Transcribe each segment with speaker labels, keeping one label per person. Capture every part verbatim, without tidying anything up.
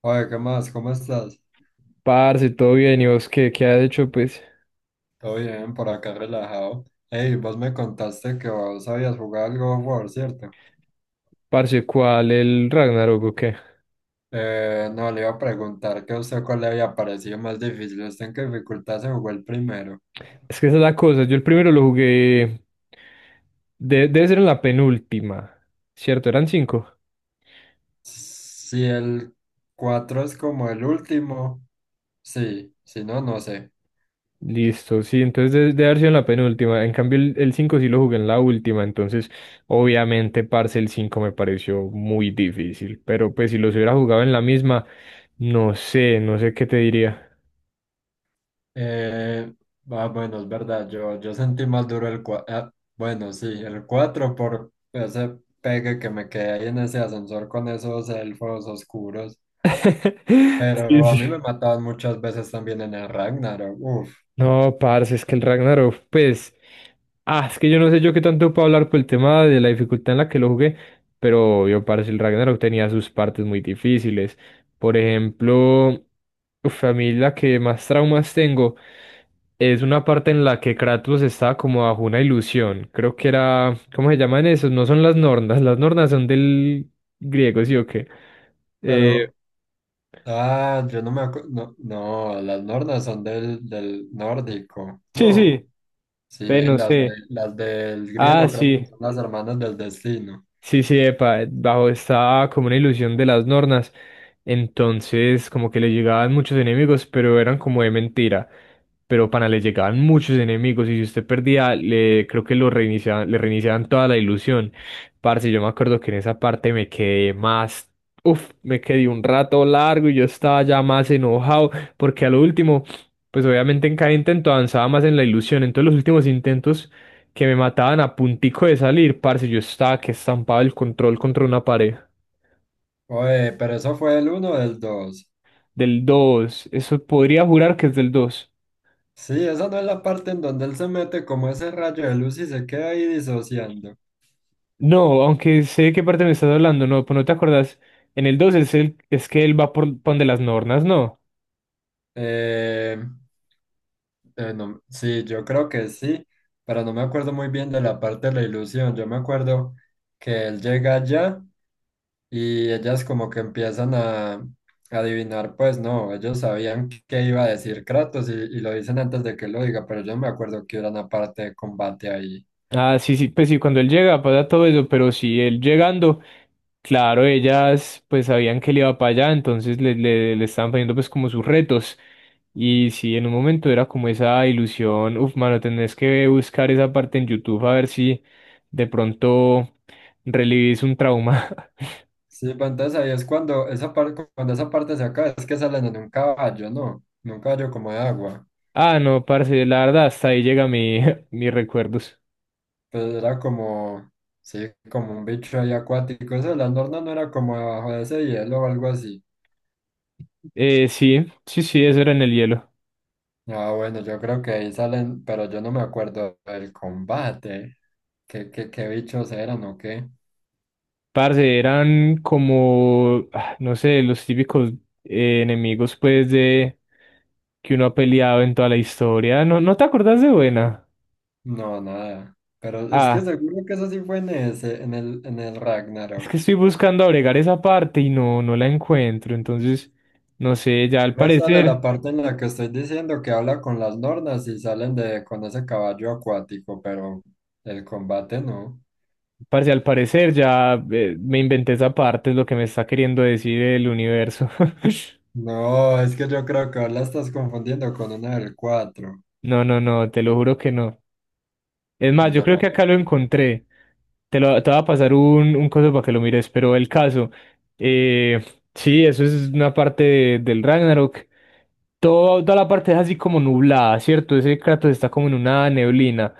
Speaker 1: Oye, ¿qué más? ¿Cómo estás?
Speaker 2: Parce, todo bien, ¿y vos qué, qué has hecho, pues?
Speaker 1: Todo bien, por acá relajado. Hey, vos me contaste que vos habías jugado al God of War, ¿cierto?
Speaker 2: Parce, ¿cuál? ¿El Ragnarok o qué?
Speaker 1: Eh, no, le iba a preguntar que a usted cuál le había parecido más difícil. ¿Usted en qué dificultad se jugó el primero?
Speaker 2: Es que esa es la cosa, yo el primero lo jugué... de- debe ser en la penúltima, ¿cierto? Eran cinco.
Speaker 1: Si el cuatro es como el último, sí, si no, no sé.
Speaker 2: Listo, sí, entonces de- debe haber sido en la penúltima. En cambio, el, el cinco sí lo jugué en la última, entonces obviamente, parce, el cinco me pareció muy difícil, pero pues si los hubiera jugado en la misma, no sé, no sé qué te diría.
Speaker 1: Eh, ah, bueno, es verdad, yo, yo sentí más duro el cuatro. Bueno, sí, el cuatro por ese pegue que me quedé ahí en ese ascensor con esos elfos oscuros.
Speaker 2: Sí,
Speaker 1: Pero a
Speaker 2: sí.
Speaker 1: mí me mataban muchas veces también en el Ragnarok, uff.
Speaker 2: No, parce, es que el Ragnarok, pues, ah, es que yo no sé yo qué tanto puedo hablar por el tema de la dificultad en la que lo jugué, pero yo, parce, el Ragnarok tenía sus partes muy difíciles. Por ejemplo, uf, a mí la que más traumas tengo es una parte en la que Kratos estaba como bajo una ilusión. Creo que era, ¿cómo se llaman esos? No son las nornas, las nornas son del griego, ¿sí o qué? Eh,
Speaker 1: Pero, ah, yo no me acuerdo, no, no, las nornas son del, del nórdico,
Speaker 2: Sí,
Speaker 1: no.
Speaker 2: sí.
Speaker 1: Sí,
Speaker 2: Ve, no
Speaker 1: las, de,
Speaker 2: sé.
Speaker 1: las del
Speaker 2: Ah,
Speaker 1: griego creo
Speaker 2: sí.
Speaker 1: que son las hermanas del destino.
Speaker 2: Sí, sí, epa, bajo estaba como una ilusión de las Nornas. Entonces, como que le llegaban muchos enemigos, pero eran como de mentira. Pero pana, le llegaban muchos enemigos y si usted perdía, le creo que lo reiniciaban, le reiniciaban toda la ilusión. Parce, yo me acuerdo que en esa parte me quedé más, uf, me quedé un rato largo y yo estaba ya más enojado porque a lo último, pues obviamente en cada intento avanzaba más en la ilusión. Entonces, los últimos intentos que me mataban a puntico de salir, parce, yo estaba que estampaba el control contra una pared.
Speaker 1: Oye, pero eso fue el uno o el dos.
Speaker 2: Del dos eso podría jurar que es del dos.
Speaker 1: Sí, esa no es la parte en donde él se mete como ese rayo de luz y se queda ahí disociando.
Speaker 2: No, aunque sé de qué parte me estás hablando, no, pues no te acordás. En el dos es, el, es que él va por, por donde las nornas, ¿no?
Speaker 1: Eh, Eh, no- sí, yo creo que sí, pero no me acuerdo muy bien de la parte de la ilusión. Yo me acuerdo que él llega allá y ellas como que empiezan a, a adivinar, pues no, ellos sabían qué iba a decir Kratos y, y lo dicen antes de que lo diga, pero yo no me acuerdo que hubiera una parte de combate ahí.
Speaker 2: Ah, sí, sí, pues sí, cuando él llega pasa todo eso, pero si él llegando, claro, ellas pues sabían que él iba para allá, entonces le, le, le estaban poniendo pues como sus retos. Y sí, en un momento era como esa ilusión, uf, mano, tenés que buscar esa parte en YouTube a ver si de pronto relivís un trauma.
Speaker 1: Sí, pues entonces ahí es cuando esa parte, cuando esa parte se acaba, es que salen en un caballo, ¿no? En un caballo como de agua.
Speaker 2: Ah, no, parce, la verdad, hasta ahí llega mi, mis recuerdos.
Speaker 1: Pues era como, sí, como un bicho ahí acuático. Eso de la norna no era como debajo de ese hielo o algo así.
Speaker 2: Eh, sí, sí, sí, eso era en el hielo.
Speaker 1: Ah, bueno, yo creo que ahí salen, pero yo no me acuerdo del combate. ¿Qué, qué, qué bichos eran o qué?
Speaker 2: Parce, eran como, ah, no sé, los típicos eh, enemigos, pues, de que uno ha peleado en toda la historia. ¿No, no te acordás de buena?
Speaker 1: No, nada. Pero es que
Speaker 2: Ah,
Speaker 1: seguro que eso sí fue en ese, en el, en el
Speaker 2: es
Speaker 1: Ragnarok.
Speaker 2: que estoy buscando agregar esa parte y no, no la encuentro. Entonces, no sé, ya
Speaker 1: A mí
Speaker 2: al
Speaker 1: me sale la
Speaker 2: parecer,
Speaker 1: parte en la que estoy diciendo que habla con las nornas y salen de con ese caballo acuático, pero el combate no.
Speaker 2: parce, al parecer ya eh, me inventé esa parte, es lo que me está queriendo decir el universo.
Speaker 1: No, es que yo creo que la estás confundiendo con una del cuatro.
Speaker 2: No, no, no, te lo juro que no. Es más, yo creo
Speaker 1: No,
Speaker 2: que acá lo encontré. Te, lo, te voy a pasar un, un coso para que lo mires, pero el caso, eh, sí, eso es una parte de- del Ragnarok. Todo- toda la parte es así como nublada, ¿cierto? Ese Kratos está como en una neblina.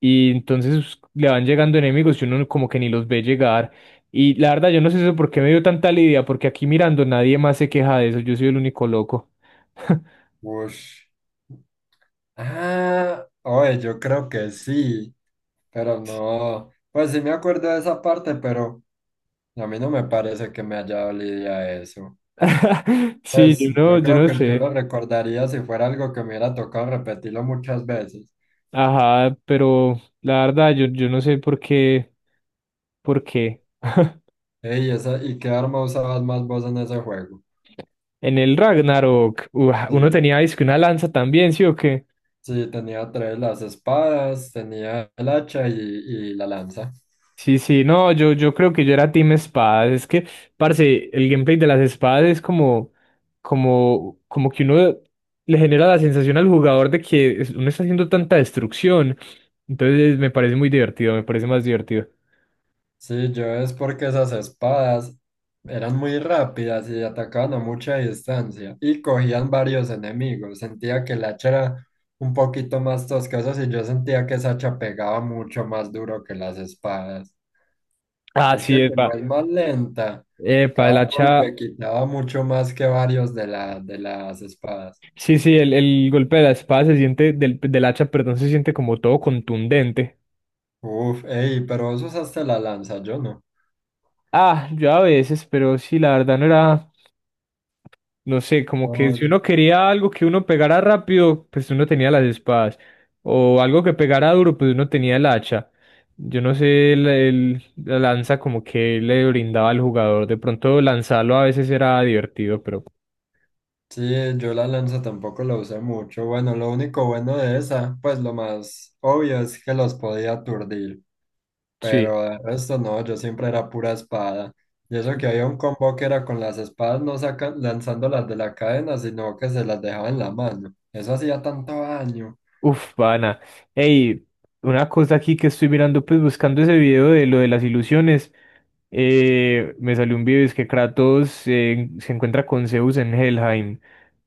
Speaker 2: Y entonces le van llegando enemigos y uno como que ni los ve llegar. Y la verdad, yo no sé eso por qué me dio tanta lidia, porque aquí mirando nadie más se queja de eso. Yo soy el único loco.
Speaker 1: ush. Ah, oye, yo creo que sí, pero no. Pues sí me acuerdo de esa parte, pero a mí no me parece que me haya dolido a eso.
Speaker 2: Sí,
Speaker 1: Pues
Speaker 2: yo no,
Speaker 1: yo
Speaker 2: yo
Speaker 1: creo
Speaker 2: no
Speaker 1: que yo
Speaker 2: sé.
Speaker 1: lo recordaría si fuera algo que me hubiera tocado repetirlo muchas veces.
Speaker 2: Ajá, pero la verdad, yo, yo no sé por qué, por qué.
Speaker 1: Ey, esa, ¿y qué arma usabas más vos en ese juego?
Speaker 2: En el Ragnarok, ua, uno
Speaker 1: Sí,
Speaker 2: tenía es que una lanza también, ¿sí o qué?
Speaker 1: sí, tenía tres, las espadas, tenía el hacha y, y la lanza.
Speaker 2: Sí, sí, no, yo, yo creo que yo era team espadas. Es que, parce, el gameplay de las espadas es como, como, como que uno le genera la sensación al jugador de que es- uno está haciendo tanta destrucción. Entonces me parece muy divertido, me parece más divertido.
Speaker 1: Sí, yo es porque esas espadas eran muy rápidas y atacaban a mucha distancia y cogían varios enemigos. Sentía que el hacha era un poquito más tosca, y yo sentía que esa hacha pegaba mucho más duro que las espadas.
Speaker 2: Ah,
Speaker 1: Es que
Speaker 2: sí,
Speaker 1: como
Speaker 2: epa.
Speaker 1: es más lenta,
Speaker 2: Epa,
Speaker 1: cada
Speaker 2: el hacha.
Speaker 1: golpe quitaba mucho más que varios de la, de las espadas.
Speaker 2: Sí, sí, el, el golpe de la espada se siente, del, del hacha, perdón, se siente como todo contundente.
Speaker 1: Uf, ey, pero vos usaste la lanza, yo no.
Speaker 2: Ah, yo a veces, pero sí, la verdad no era, no sé, como que
Speaker 1: No,
Speaker 2: si uno quería algo que uno pegara rápido, pues uno tenía las espadas. O algo que pegara duro, pues uno tenía el hacha. Yo no sé, el- el- la lanza como que le brindaba al jugador. De pronto lanzarlo a veces era divertido, pero
Speaker 1: Sí, yo la lanza tampoco la usé mucho. Bueno, lo único bueno de esa, pues lo más obvio es que los podía aturdir,
Speaker 2: sí.
Speaker 1: pero de resto no, yo siempre era pura espada. Y eso que había un combo que era con las espadas no sacan, lanzándolas de la cadena, sino que se las dejaba en la mano. Eso hacía tanto daño.
Speaker 2: Uf, pana. Ey, una cosa aquí que estoy mirando, pues buscando ese video de lo de las ilusiones. Eh, me salió un video, es que Kratos eh, se encuentra con Zeus en Helheim.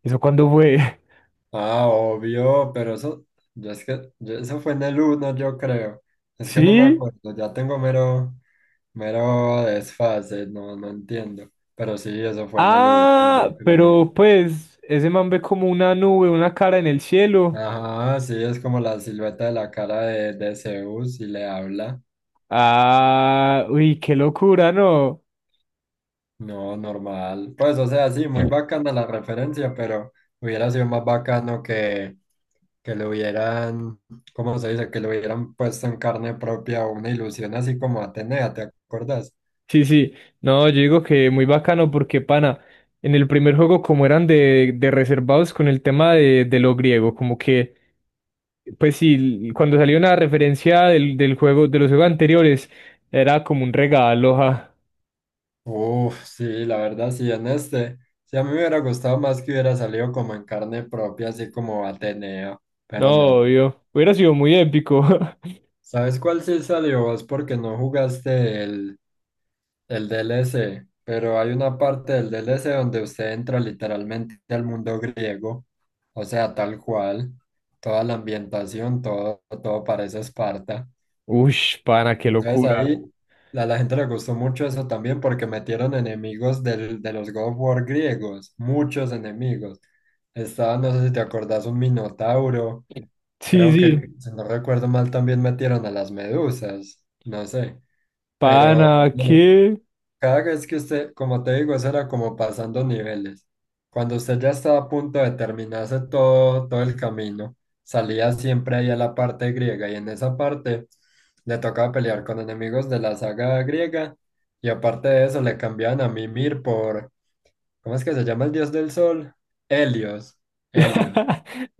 Speaker 2: ¿Eso cuándo fue?
Speaker 1: Ah, obvio, pero eso, yo es que, yo- eso fue en el uno, yo creo. Es que no me
Speaker 2: ¿Sí?
Speaker 1: acuerdo, ya tengo mero, mero desfase, no, no entiendo. Pero sí, eso fue en el uno
Speaker 2: Ah,
Speaker 1: yo
Speaker 2: pero
Speaker 1: creo.
Speaker 2: pues ese man ve como una nube, una cara en el cielo.
Speaker 1: Ajá, sí, es como la silueta de la cara de, de Zeus y le habla.
Speaker 2: Ah, uy, qué locura, ¿no?
Speaker 1: No, normal. Pues, o sea, sí, muy
Speaker 2: Mm.
Speaker 1: bacana la referencia, pero hubiera sido más bacano que, que le hubieran, ¿cómo se dice? Que le hubieran puesto en carne propia una ilusión así como Atenea, ¿te acuerdas?
Speaker 2: Sí, sí. No, yo digo que muy bacano porque, pana, en el primer juego como eran de, de reservados con el tema de, de lo griego, como que pues sí, cuando salió una referencia del, del juego, de los juegos anteriores, era como un regalo, ja.
Speaker 1: Uf, sí, la verdad, sí, en este. Sí, a mí me hubiera gustado más que hubiera salido como en carne propia, así como Atenea
Speaker 2: No,
Speaker 1: pero no.
Speaker 2: obvio. Hubiera sido muy épico.
Speaker 1: ¿Sabes cuál sí salió vos? Porque no jugaste el, el D L C, pero hay una parte del D L C donde usted entra literalmente al mundo griego, o sea, tal cual, toda la ambientación, todo, todo parece Esparta.
Speaker 2: Ush, pana, qué
Speaker 1: Entonces
Speaker 2: locura.
Speaker 1: ahí a la gente le gustó mucho eso también porque metieron enemigos del- de los God of War griegos, muchos enemigos. Estaba, no sé si te acordás, un minotauro.
Speaker 2: Sí,
Speaker 1: Creo
Speaker 2: sí.
Speaker 1: que, si no recuerdo mal, también metieron a las medusas, no sé. Pero
Speaker 2: Pana,
Speaker 1: bueno,
Speaker 2: qué.
Speaker 1: cada vez que usted, como te digo, eso era como pasando niveles. Cuando usted ya estaba a punto de terminarse todo, todo el camino, salía siempre ahí a la parte griega y en esa parte le tocaba pelear con enemigos de la saga griega y aparte de eso le cambiaban a Mimir por, ¿cómo es que se llama el dios del sol? Helios, Helios.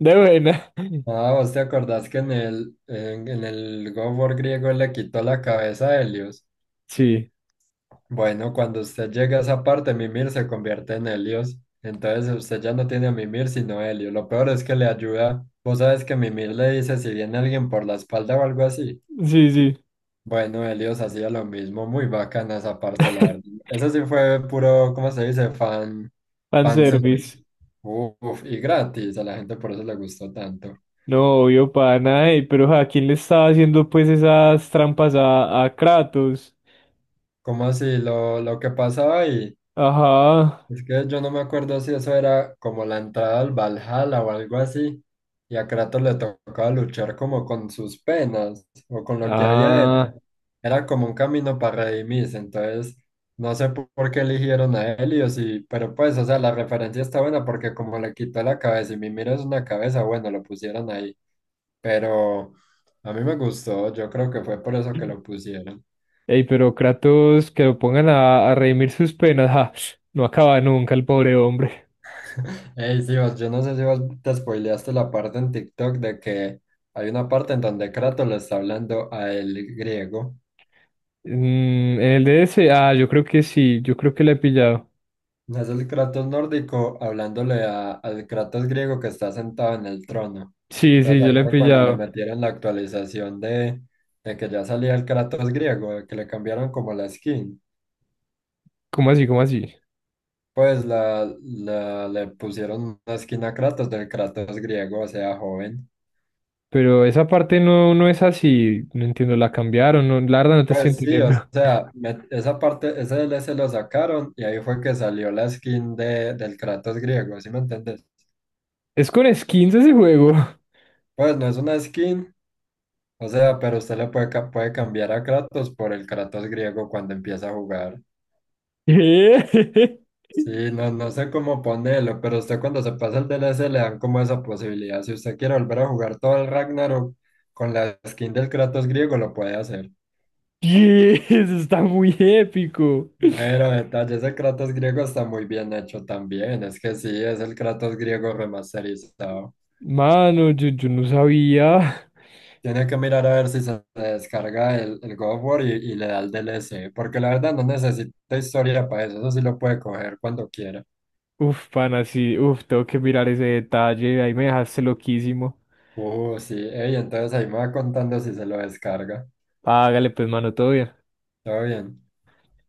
Speaker 2: De buena.
Speaker 1: Ah, ¿vos te acordás que en el, en, en el God of War griego él le quitó la cabeza a Helios?
Speaker 2: Sí,
Speaker 1: Bueno, cuando usted llega a esa parte, Mimir se convierte en Helios. Entonces usted ya no tiene a Mimir sino Helio. Lo peor es que le ayuda. Vos sabes que Mimir le dice si viene alguien por la espalda o algo así.
Speaker 2: sí, sí.
Speaker 1: Bueno, Helios hacía lo mismo. Muy bacana esa parte, la verdad. Eso sí fue puro, ¿cómo se dice? Fan, fan service.
Speaker 2: Fanservice.
Speaker 1: Uf, y gratis. A la gente por eso le gustó tanto.
Speaker 2: No, obvio, pana, ey, pero ¿a quién le estaba haciendo pues esas trampas a, a Kratos?
Speaker 1: Como así? Lo, lo que pasaba ahí.
Speaker 2: Ajá.
Speaker 1: Es que yo no me acuerdo si eso era como la entrada al Valhalla o algo así, y a Kratos le tocaba luchar como con sus penas o con lo que había hecho.
Speaker 2: Ah.
Speaker 1: Era como un camino para redimirse, entonces no sé po- por qué eligieron a Helios, y, pero pues, o sea, la referencia está buena porque como le quitó la cabeza y Mimir es una cabeza, bueno, lo pusieron ahí, pero a mí me gustó, yo creo que fue por eso que lo pusieron.
Speaker 2: Ey, pero Kratos, que lo pongan a, a redimir sus penas, ja, no acaba nunca el pobre hombre.
Speaker 1: Ey, sí, vos, yo no sé si vos te spoileaste la parte en TikTok de que hay una parte en donde Kratos le está hablando a el griego.
Speaker 2: Mm, en el D. DS, ah, yo creo que sí, yo creo que la he pillado.
Speaker 1: No, es el Kratos nórdico hablándole a- al Kratos griego que está sentado en el trono.
Speaker 2: Sí, sí,
Speaker 1: Entonces
Speaker 2: yo
Speaker 1: ahí
Speaker 2: la he
Speaker 1: fue cuando le
Speaker 2: pillado.
Speaker 1: metieron la actualización de, de que ya salía el Kratos griego, de que le cambiaron como la skin.
Speaker 2: ¿Cómo así, cómo así?
Speaker 1: Pues la, la- le pusieron una skin a Kratos del Kratos griego, o sea, joven.
Speaker 2: Pero esa parte no, no es así, no entiendo, la cambiaron, no, la verdad no te estoy
Speaker 1: Pues sí, o
Speaker 2: entendiendo.
Speaker 1: sea, me- esa parte, ese D L D L C lo sacaron y ahí fue que salió la skin de, del Kratos griego, ¿sí me entiendes?
Speaker 2: Es con skins ese juego.
Speaker 1: Pues no es una skin, o sea, pero usted le puede, ca- puede cambiar a Kratos por el Kratos griego cuando empieza a jugar.
Speaker 2: ¿Qué?
Speaker 1: Sí, no, no sé cómo ponerlo, pero usted cuando se pasa el D DLC le dan como esa posibilidad. Si usted quiere volver a jugar todo el Ragnarok con la skin del Kratos griego, lo puede hacer.
Speaker 2: Yes, está muy épico.
Speaker 1: Pero detalle, ese Kratos griego está muy bien hecho también. Es que sí, es el Kratos griego remasterizado.
Speaker 2: Mano, yo, yo no sabía.
Speaker 1: Tiene que mirar a ver si se descarga el, el God of War y, y le da el D L C, porque la verdad no necesita historia para eso. Eso sí lo puede coger cuando quiera.
Speaker 2: Uf, pana, sí, uf, tengo que mirar ese detalle, ahí me dejaste loquísimo.
Speaker 1: Uh, sí, ey, entonces ahí me va contando si se lo descarga.
Speaker 2: Hágale pues, mano, todo bien.
Speaker 1: Todo bien.